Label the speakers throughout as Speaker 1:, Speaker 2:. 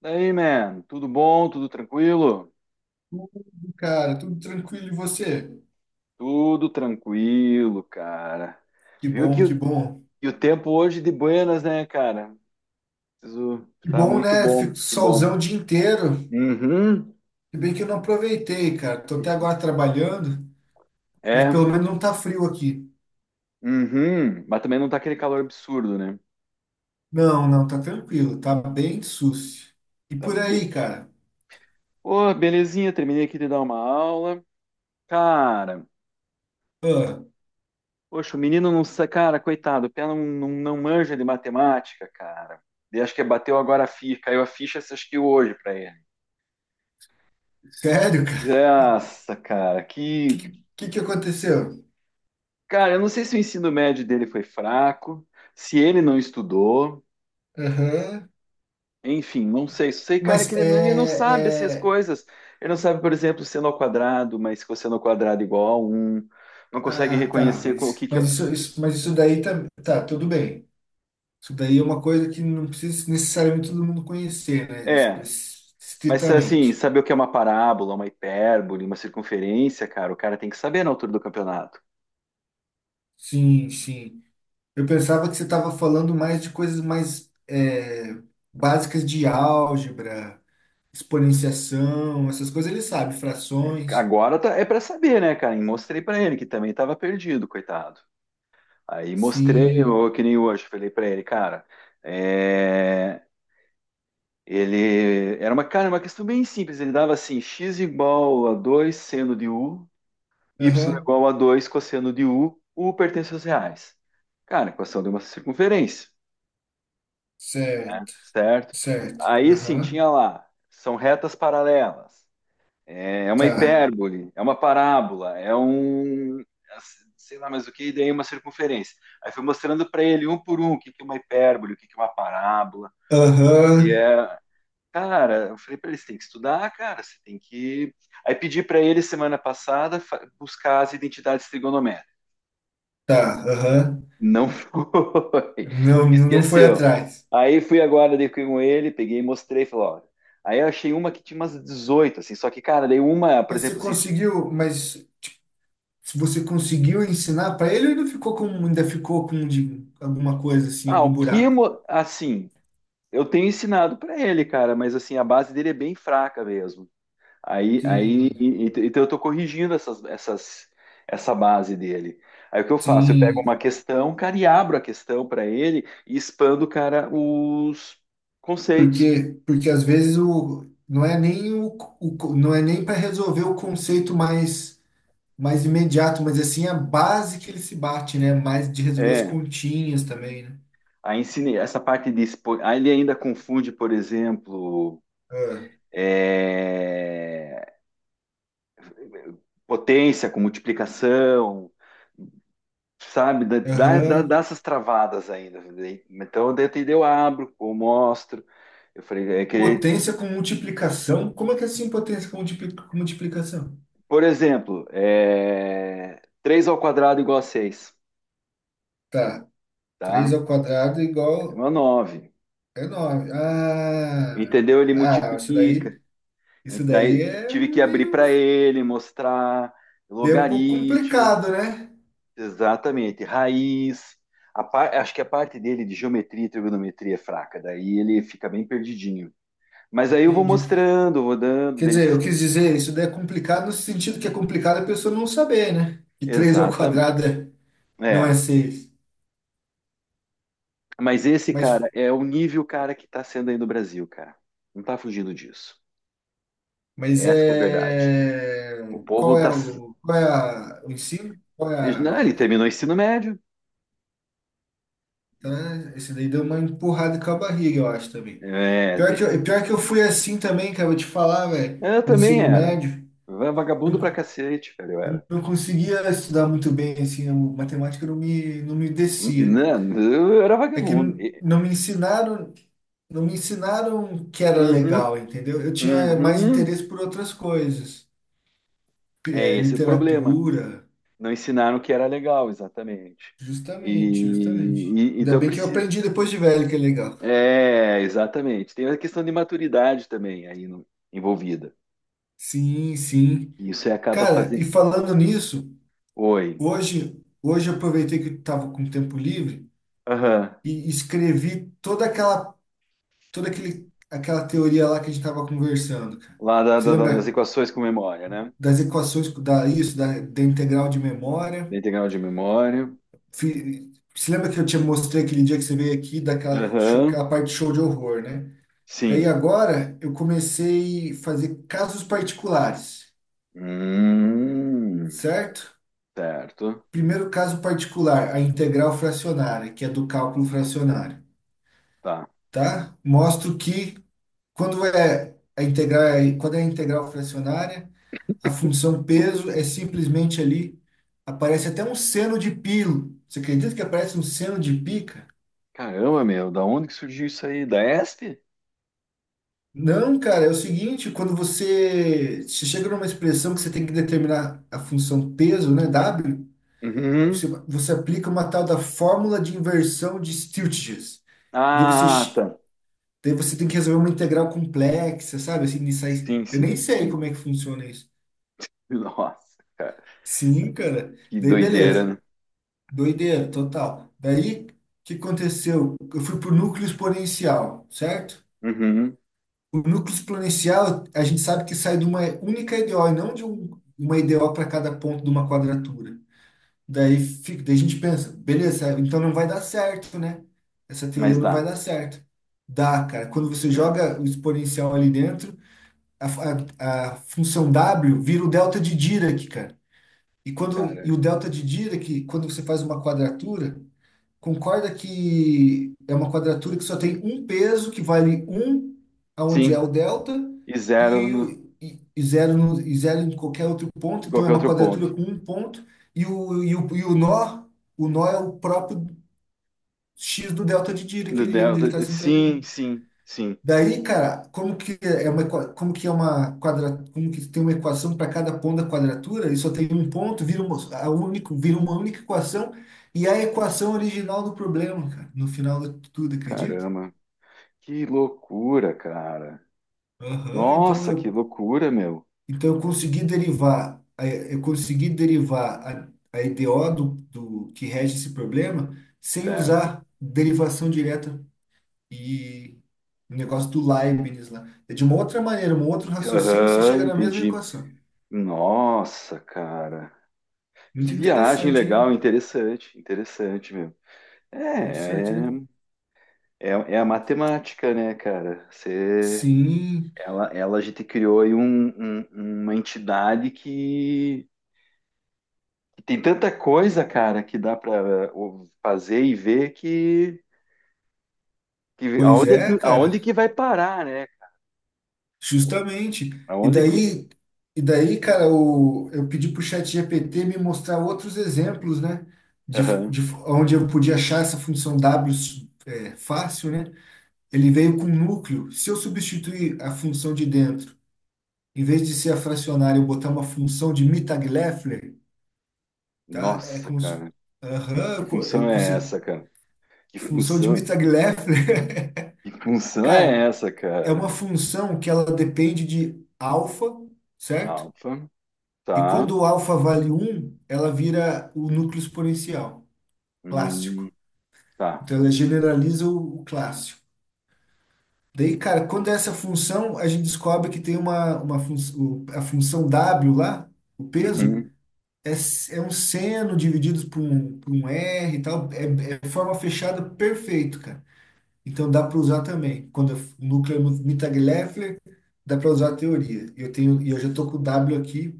Speaker 1: Daí, man, tudo bom? Tudo tranquilo?
Speaker 2: Tudo. Cara, tudo tranquilo, e você?
Speaker 1: Tudo tranquilo, cara.
Speaker 2: Que
Speaker 1: Viu
Speaker 2: bom,
Speaker 1: que
Speaker 2: que
Speaker 1: o,
Speaker 2: bom.
Speaker 1: e o tempo hoje de buenas, né, cara? Preciso,
Speaker 2: Que
Speaker 1: tá
Speaker 2: bom,
Speaker 1: muito
Speaker 2: né?
Speaker 1: bom,
Speaker 2: Fico
Speaker 1: que bom.
Speaker 2: solzão o dia inteiro.
Speaker 1: Uhum,
Speaker 2: Se bem que eu não aproveitei, cara. Tô até agora trabalhando, mas
Speaker 1: é,
Speaker 2: pelo menos não tá frio aqui.
Speaker 1: uhum. Mas também não tá aquele calor absurdo, né?
Speaker 2: Não, não, tá tranquilo, tá bem sucio. E
Speaker 1: Tá
Speaker 2: por
Speaker 1: be...
Speaker 2: aí, cara?
Speaker 1: Ô, belezinha, terminei aqui de dar uma aula. Cara,
Speaker 2: Ah,
Speaker 1: poxa, o menino não sa- cara, coitado, o pé não manja de matemática, cara. E acho que bateu agora a ficha, caiu a ficha, acho que hoje pra ele.
Speaker 2: sério, cara? O
Speaker 1: Nossa, cara, que.
Speaker 2: Que que aconteceu?
Speaker 1: Cara, eu não sei se o ensino médio dele foi fraco, se ele não estudou,
Speaker 2: Aham.
Speaker 1: enfim, não sei. Só sei, cara, que
Speaker 2: Mas é,
Speaker 1: ele não sabe assim, as
Speaker 2: é...
Speaker 1: coisas. Ele não sabe, por exemplo, seno ao quadrado, mas que o seno ao quadrado é igual a um. Não consegue
Speaker 2: Ah, tá,
Speaker 1: reconhecer qual- o que que é.
Speaker 2: isso, isso daí tá, tá, tudo bem. Isso daí é uma coisa que não precisa necessariamente todo mundo conhecer, né?
Speaker 1: É, mas assim,
Speaker 2: Estritamente.
Speaker 1: saber o que é uma parábola, uma hipérbole, uma circunferência, cara, o cara tem que saber na altura do campeonato.
Speaker 2: Sim, sim. Eu pensava que você estava falando mais de coisas mais básicas de álgebra, exponenciação, essas coisas ele sabe,
Speaker 1: É,
Speaker 2: frações.
Speaker 1: agora tá- é pra saber, né, cara? E mostrei pra ele que também tava perdido, coitado. Aí mostrei,
Speaker 2: Sim.
Speaker 1: eu, que nem hoje, falei pra ele, cara, é, ele era uma, cara, uma questão bem simples, ele dava assim, x igual a 2 seno de u, y
Speaker 2: Aham.
Speaker 1: igual a 2 cosseno de u, u pertence aos reais. Cara, equação de uma circunferência,
Speaker 2: Certo,
Speaker 1: certo?
Speaker 2: certo.
Speaker 1: Aí assim,
Speaker 2: Aham.
Speaker 1: tinha lá, são retas paralelas, é é uma
Speaker 2: Tá.
Speaker 1: hipérbole, é uma parábola, é um. Sei lá mais o que, e daí uma circunferência. Aí fui mostrando para ele, um por um, o que que é uma hipérbole, o que que é uma parábola. E
Speaker 2: Aham.
Speaker 1: é. Cara, eu falei para eles: tem que estudar, cara, você tem que. Aí pedi para ele semana passada fa- buscar as identidades trigonométricas.
Speaker 2: Tá. Aham.
Speaker 1: Não foi,
Speaker 2: Não, não foi
Speaker 1: esqueceu.
Speaker 2: atrás.
Speaker 1: Aí fui agora dei com ele, peguei e mostrei, falei: ó, aí eu achei uma que tinha umas 18, assim, só que, cara, daí uma, por
Speaker 2: Mas você
Speaker 1: exemplo, assim,
Speaker 2: conseguiu, mas Se você conseguiu ensinar para ele, ou ainda alguma coisa assim,
Speaker 1: ah,
Speaker 2: algum
Speaker 1: o
Speaker 2: buraco.
Speaker 1: Kimo, assim, eu tenho ensinado pra ele, cara, mas assim, a base dele é bem fraca mesmo.
Speaker 2: Sim,
Speaker 1: Então eu tô corrigindo essas essa base dele. Aí o que eu faço? Eu pego uma
Speaker 2: sim,
Speaker 1: questão, cara, e abro a questão pra ele e expando, cara, os conceitos.
Speaker 2: porque às vezes o não é nem o, não é nem para resolver o conceito mais imediato, mas assim a base que ele se bate, né? Mais de resolver as
Speaker 1: É,
Speaker 2: continhas também, né?
Speaker 1: aí ensinei essa parte de expo... aí ele ainda confunde, por exemplo,
Speaker 2: Ah.
Speaker 1: é, potência com multiplicação, sabe, dá
Speaker 2: Aham.
Speaker 1: essas travadas ainda, né? Então, daí eu abro, eu mostro. Eu falei, é que,
Speaker 2: Potência com multiplicação. Como é que é assim potência com multiplicação?
Speaker 1: por exemplo, 3 ao quadrado igual a 6,
Speaker 2: Tá. Três
Speaker 1: tá?
Speaker 2: ao quadrado é igual
Speaker 1: Não é 9.
Speaker 2: É nome. Ah,
Speaker 1: Entendeu? Ele
Speaker 2: ah, isso
Speaker 1: multiplica.
Speaker 2: daí,
Speaker 1: E
Speaker 2: isso
Speaker 1: daí
Speaker 2: daí é
Speaker 1: tive que abrir
Speaker 2: meio,
Speaker 1: para ele, mostrar
Speaker 2: é um pouco
Speaker 1: logaritmo,
Speaker 2: complicado, né?
Speaker 1: exatamente, raiz. A par- acho que a parte dele de geometria e trigonometria é fraca, daí ele fica bem perdidinho. Mas aí eu vou
Speaker 2: Entendi.
Speaker 1: mostrando, vou dando,
Speaker 2: Quer
Speaker 1: daí
Speaker 2: dizer, eu quis dizer, isso daí é complicado no sentido que é complicado a pessoa não saber, né? Que 3 ao
Speaker 1: exata,
Speaker 2: quadrado não é
Speaker 1: é.
Speaker 2: seis.
Speaker 1: Mas esse
Speaker 2: Mas,
Speaker 1: cara é o nível cara que tá sendo aí no Brasil, cara. Não tá fugindo disso.
Speaker 2: mas
Speaker 1: Essa que é a verdade.
Speaker 2: é.
Speaker 1: O povo
Speaker 2: Qual
Speaker 1: tá.
Speaker 2: é o, qual é a- o ensino? Qual é
Speaker 1: Não,
Speaker 2: a.
Speaker 1: ele terminou o ensino médio.
Speaker 2: Então, esse daí deu uma empurrada com a barriga, eu acho também.
Speaker 1: É,
Speaker 2: Pior que
Speaker 1: te-
Speaker 2: eu, pior que eu fui assim também, cara, eu vou te falar, velho,
Speaker 1: eu
Speaker 2: no
Speaker 1: também
Speaker 2: ensino
Speaker 1: era.
Speaker 2: médio.
Speaker 1: Eu era vagabundo pra cacete, cara, eu
Speaker 2: Eu
Speaker 1: era.
Speaker 2: não conseguia estudar muito bem, assim, a matemática não me descia, cara.
Speaker 1: Não, eu era
Speaker 2: É que
Speaker 1: vagabundo. E-
Speaker 2: não me ensinaram que era
Speaker 1: uhum,
Speaker 2: legal, entendeu? Eu tinha mais
Speaker 1: uhum.
Speaker 2: interesse por outras coisas,
Speaker 1: É esse o problema.
Speaker 2: literatura,
Speaker 1: Não ensinaram que era legal, exatamente. E,
Speaker 2: justamente, justamente.
Speaker 1: e-
Speaker 2: Ainda
Speaker 1: então
Speaker 2: bem que eu
Speaker 1: precisa.
Speaker 2: aprendi depois de velho que é legal.
Speaker 1: É, exatamente. Tem a questão de maturidade também aí no- envolvida.
Speaker 2: Sim, sim.
Speaker 1: E isso aí acaba
Speaker 2: Cara, e
Speaker 1: fazendo.
Speaker 2: falando nisso,
Speaker 1: Oi.
Speaker 2: hoje eu aproveitei que eu tava com tempo livre
Speaker 1: Aham.
Speaker 2: e escrevi toda aquela aquela teoria lá que a gente estava conversando, cara.
Speaker 1: Lá
Speaker 2: Você
Speaker 1: das
Speaker 2: lembra
Speaker 1: equações com memória, né?
Speaker 2: das equações, da integral de
Speaker 1: Da
Speaker 2: memória?
Speaker 1: integral de memória.
Speaker 2: Você lembra que eu te mostrei aquele dia que você veio aqui,
Speaker 1: Aham.
Speaker 2: aquela parte show de horror, né? Daí
Speaker 1: Sim.
Speaker 2: agora eu comecei a fazer casos particulares,
Speaker 1: Hum,
Speaker 2: certo?
Speaker 1: certo.
Speaker 2: Primeiro caso particular, a integral fracionária, que é do cálculo fracionário,
Speaker 1: Tá.
Speaker 2: tá? Mostro que quando é a integral, quando é a integral fracionária, a função
Speaker 1: Desculpa.
Speaker 2: peso é simplesmente ali. Aparece até um seno de pi. Você acredita que aparece um seno de pi, cara?
Speaker 1: Caramba, meu, da onde que surgiu isso aí? Da ESP?
Speaker 2: Não, cara, é o seguinte, quando você chega numa expressão que você tem que determinar a função peso, né, W, você,
Speaker 1: Uhum.
Speaker 2: você aplica uma tal da fórmula de inversão de Stieltjes. E daí
Speaker 1: Ah, tá.
Speaker 2: você tem que resolver uma integral complexa, sabe? Assim, nisso aí,
Speaker 1: Sim,
Speaker 2: eu nem
Speaker 1: sim,
Speaker 2: sei
Speaker 1: sim.
Speaker 2: como é que funciona isso.
Speaker 1: Nossa, cara.
Speaker 2: Sim, cara.
Speaker 1: Que
Speaker 2: Daí
Speaker 1: doideira, né?
Speaker 2: beleza. Doideira, total. Daí, o que aconteceu? Eu fui por núcleo exponencial, certo?
Speaker 1: Uhum.
Speaker 2: O núcleo exponencial, a gente sabe que sai de uma única EDO, e não de uma EDO para cada ponto de uma quadratura. Daí, a gente pensa, beleza, então não vai dar certo, né? Essa teoria
Speaker 1: Mas
Speaker 2: não vai
Speaker 1: dá.
Speaker 2: dar certo. Dá, cara. Quando você
Speaker 1: É,
Speaker 2: joga o exponencial ali dentro, a, a função W vira o delta de Dirac, cara. E
Speaker 1: cara.
Speaker 2: o delta de Dirac, quando você faz uma quadratura, concorda que é uma quadratura que só tem um peso, que vale um aonde é
Speaker 1: Sim.
Speaker 2: o delta,
Speaker 1: E zero
Speaker 2: e,
Speaker 1: no,
Speaker 2: o- e, e zero no, e zero em qualquer outro
Speaker 1: em
Speaker 2: ponto. Então é
Speaker 1: qualquer
Speaker 2: uma
Speaker 1: outro
Speaker 2: quadratura
Speaker 1: ponto.
Speaker 2: com um ponto, e o, e o nó é o próprio x do delta de Dirac,
Speaker 1: No
Speaker 2: onde ele está
Speaker 1: delta. Sim,
Speaker 2: centralizado.
Speaker 1: sim, sim.
Speaker 2: Daí, cara, como que tem uma equação para cada ponto da quadratura e só tem um ponto, vira uma única equação e é a equação original do problema, cara, no final de tudo, acredita?
Speaker 1: Caramba. Que loucura, cara.
Speaker 2: Aham,
Speaker 1: Nossa, que loucura, meu.
Speaker 2: eu consegui derivar a EDO do que rege esse problema sem
Speaker 1: Certo.
Speaker 2: usar derivação direta e o negócio do Leibniz lá. É de uma outra maneira, um outro raciocínio e você chega
Speaker 1: Aham,
Speaker 2: na mesma
Speaker 1: entendi.
Speaker 2: equação.
Speaker 1: Nossa, cara. Que
Speaker 2: Muito
Speaker 1: viagem
Speaker 2: interessante,
Speaker 1: legal,
Speaker 2: né?
Speaker 1: interessante, interessante, meu. É,
Speaker 2: Interessante,
Speaker 1: é,
Speaker 2: né?
Speaker 1: é a matemática, né, cara? Você,
Speaker 2: Sim,
Speaker 1: a gente criou aí um- um- uma entidade que tem tanta coisa, cara, que dá para fazer e ver que
Speaker 2: pois
Speaker 1: aonde é
Speaker 2: é,
Speaker 1: que
Speaker 2: cara,
Speaker 1: aonde que vai parar, né?
Speaker 2: justamente. E
Speaker 1: Aonde que
Speaker 2: daí, e daí, cara, eu pedi pro ChatGPT me mostrar outros exemplos, né? De,
Speaker 1: aham.
Speaker 2: de onde eu podia achar essa função W é, fácil, né? Ele veio com núcleo. Se eu substituir a função de dentro, em vez de ser a fracionária, eu botar uma função de Mittag-Leffler, tá? É
Speaker 1: Nossa,
Speaker 2: como se.
Speaker 1: cara,
Speaker 2: Aham,
Speaker 1: que
Speaker 2: é
Speaker 1: função
Speaker 2: como
Speaker 1: é essa, cara? Que
Speaker 2: função de
Speaker 1: função,
Speaker 2: Mittag-Leffler.
Speaker 1: que função é
Speaker 2: Cara,
Speaker 1: essa,
Speaker 2: é uma
Speaker 1: cara?
Speaker 2: função que ela depende de alfa, certo?
Speaker 1: Alfa,
Speaker 2: E
Speaker 1: tá,
Speaker 2: quando o alfa vale um, ela vira o núcleo exponencial clássico.
Speaker 1: hum, tá.
Speaker 2: Então ela generaliza o, clássico. Daí, cara, quando é essa função, a gente descobre que tem uma, a função W lá, o peso,
Speaker 1: Uhum.
Speaker 2: é um seno dividido por um, R e tal. É forma fechada perfeito, cara. Então dá para usar também. Quando o núcleo é muito Mittag-Leffler, dá para usar a teoria. Eu tenho, e eu já estou com o W aqui.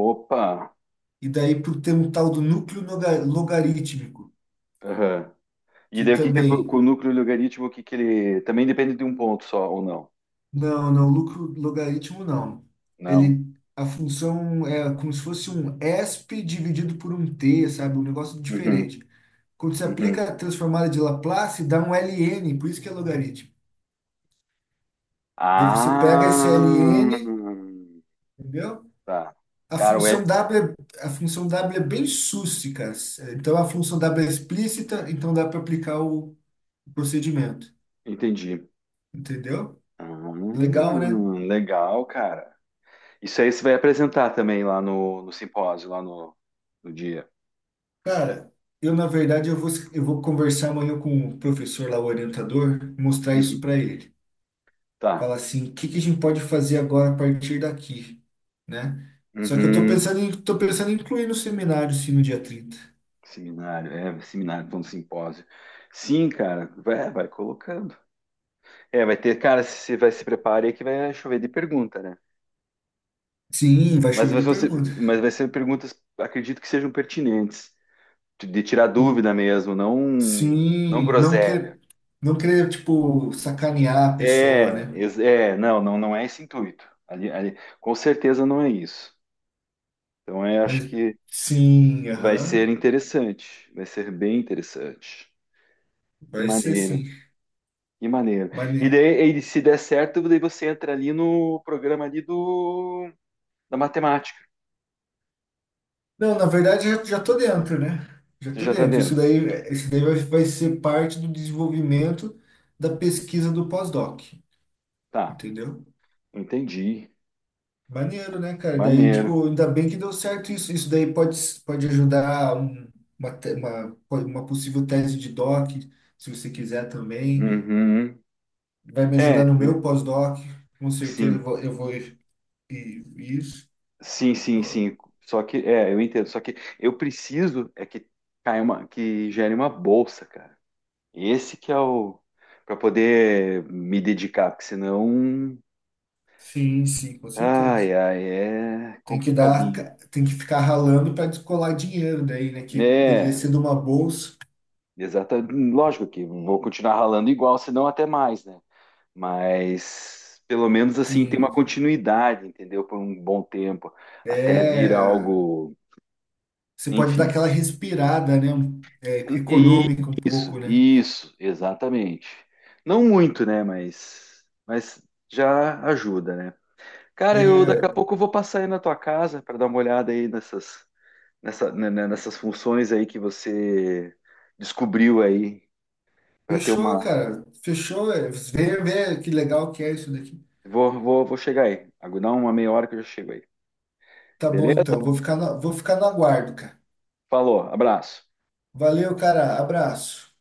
Speaker 1: Opa.
Speaker 2: E daí por ter um tal do núcleo logarítmico,
Speaker 1: Aham. E
Speaker 2: que
Speaker 1: daí o que que é co- com
Speaker 2: também.
Speaker 1: o núcleo logaritmo, o que que ele também depende de um ponto só ou não?
Speaker 2: Não, não, núcleo logaritmo não.
Speaker 1: Não.
Speaker 2: Ele, a função é como se fosse um ESP dividido por um t, sabe? Um negócio
Speaker 1: Uhum.
Speaker 2: diferente. Quando você aplica
Speaker 1: Uhum.
Speaker 2: a transformada de Laplace, dá um ln, por isso que é logaritmo. Daí você pega esse
Speaker 1: Ah.
Speaker 2: ln, entendeu?
Speaker 1: Tá. Cara, ué,
Speaker 2: A função W é bem sússica. Então, a função W é explícita, então dá para aplicar o procedimento.
Speaker 1: entendi.
Speaker 2: Entendeu?
Speaker 1: Ah,
Speaker 2: Legal, né?
Speaker 1: legal, cara. Isso aí você vai apresentar também lá no, no simpósio, lá no, no dia.
Speaker 2: Cara, na verdade, eu vou conversar amanhã com o professor lá, o orientador, mostrar isso
Speaker 1: Uhum.
Speaker 2: para ele.
Speaker 1: Tá.
Speaker 2: Falar assim, o que que a gente pode fazer agora a partir daqui, né? Só que eu tô
Speaker 1: Uhum.
Speaker 2: pensando em, tô pensando em incluir no seminário, sim, no dia 30.
Speaker 1: Seminário, é, seminário, falando simpósio. Sim, cara, vai, vai colocando. É, vai ter, cara, se vai se prepare aí que vai chover de pergunta, né?
Speaker 2: Sim, vai
Speaker 1: Mas
Speaker 2: chover
Speaker 1: vai
Speaker 2: de
Speaker 1: ser,
Speaker 2: pergunta.
Speaker 1: mas vai ser perguntas, acredito que sejam pertinentes, de tirar dúvida mesmo, não, não
Speaker 2: Sim,
Speaker 1: groselha.
Speaker 2: não querer, tipo, sacanear a pessoa,
Speaker 1: É,
Speaker 2: né?
Speaker 1: ex- é, não, não, não é esse intuito. Ali, ali, com certeza não é isso. Então, eu acho
Speaker 2: Mas
Speaker 1: que
Speaker 2: sim,
Speaker 1: vai
Speaker 2: aham,
Speaker 1: ser interessante, vai ser bem interessante. Que
Speaker 2: vai ser
Speaker 1: maneiro,
Speaker 2: sim.
Speaker 1: que maneiro.
Speaker 2: Mane...
Speaker 1: E daí, e se der certo, daí você entra ali no programa ali do da matemática.
Speaker 2: Não, na verdade já, já tô dentro, né? Já
Speaker 1: Você
Speaker 2: tô
Speaker 1: já está
Speaker 2: dentro. Isso
Speaker 1: dentro.
Speaker 2: daí, isso daí vai ser parte do desenvolvimento da pesquisa do pós-doc,
Speaker 1: Tá,
Speaker 2: entendeu?
Speaker 1: entendi.
Speaker 2: Maneiro, né, cara? Daí,
Speaker 1: Maneiro.
Speaker 2: tipo, ainda bem que deu certo isso. Isso daí pode ajudar uma possível tese de doc, se você quiser também.
Speaker 1: Uhum.
Speaker 2: Vai me
Speaker 1: É,
Speaker 2: ajudar no meu
Speaker 1: é,
Speaker 2: pós-doc, com certeza eu
Speaker 1: sim,
Speaker 2: vou, eu vou ir, isso.
Speaker 1: sim, sim, sim. Só que, é, eu entendo. Só que eu preciso é que caia uma, que gere uma bolsa, cara. Esse que é o para poder me dedicar, porque senão,
Speaker 2: Sim, sim, com certeza.
Speaker 1: ai, ai, é
Speaker 2: Tem que dar,
Speaker 1: complicadinho.
Speaker 2: ca- tem que ficar ralando para descolar dinheiro daí, né? Que poderia ser
Speaker 1: É,
Speaker 2: de uma bolsa.
Speaker 1: exatamente. Lógico que vou continuar ralando igual, senão até mais, né? Mas pelo menos assim tem uma
Speaker 2: Sim,
Speaker 1: continuidade, entendeu? Por um bom tempo, até vir
Speaker 2: é.
Speaker 1: algo,
Speaker 2: Você pode dar
Speaker 1: enfim.
Speaker 2: aquela respirada, né? É,
Speaker 1: Um- e-
Speaker 2: econômica um
Speaker 1: Isso,
Speaker 2: pouco, né?
Speaker 1: isso, exatamente. Não muito, né? Mas já ajuda, né? Cara, eu daqui a
Speaker 2: É,
Speaker 1: pouco eu vou passar aí na tua casa para dar uma olhada aí nessas, nessa, né, né, nessas funções aí que você descobriu aí para ter
Speaker 2: fechou,
Speaker 1: uma.
Speaker 2: cara. Fechou. É, vê que legal que é isso daqui.
Speaker 1: Vou chegar aí. Dá uma meia hora que eu já chego aí.
Speaker 2: Tá bom,
Speaker 1: Beleza?
Speaker 2: então. Vou ficar no aguardo, cara.
Speaker 1: Falou, abraço.
Speaker 2: Valeu, cara. Abraço.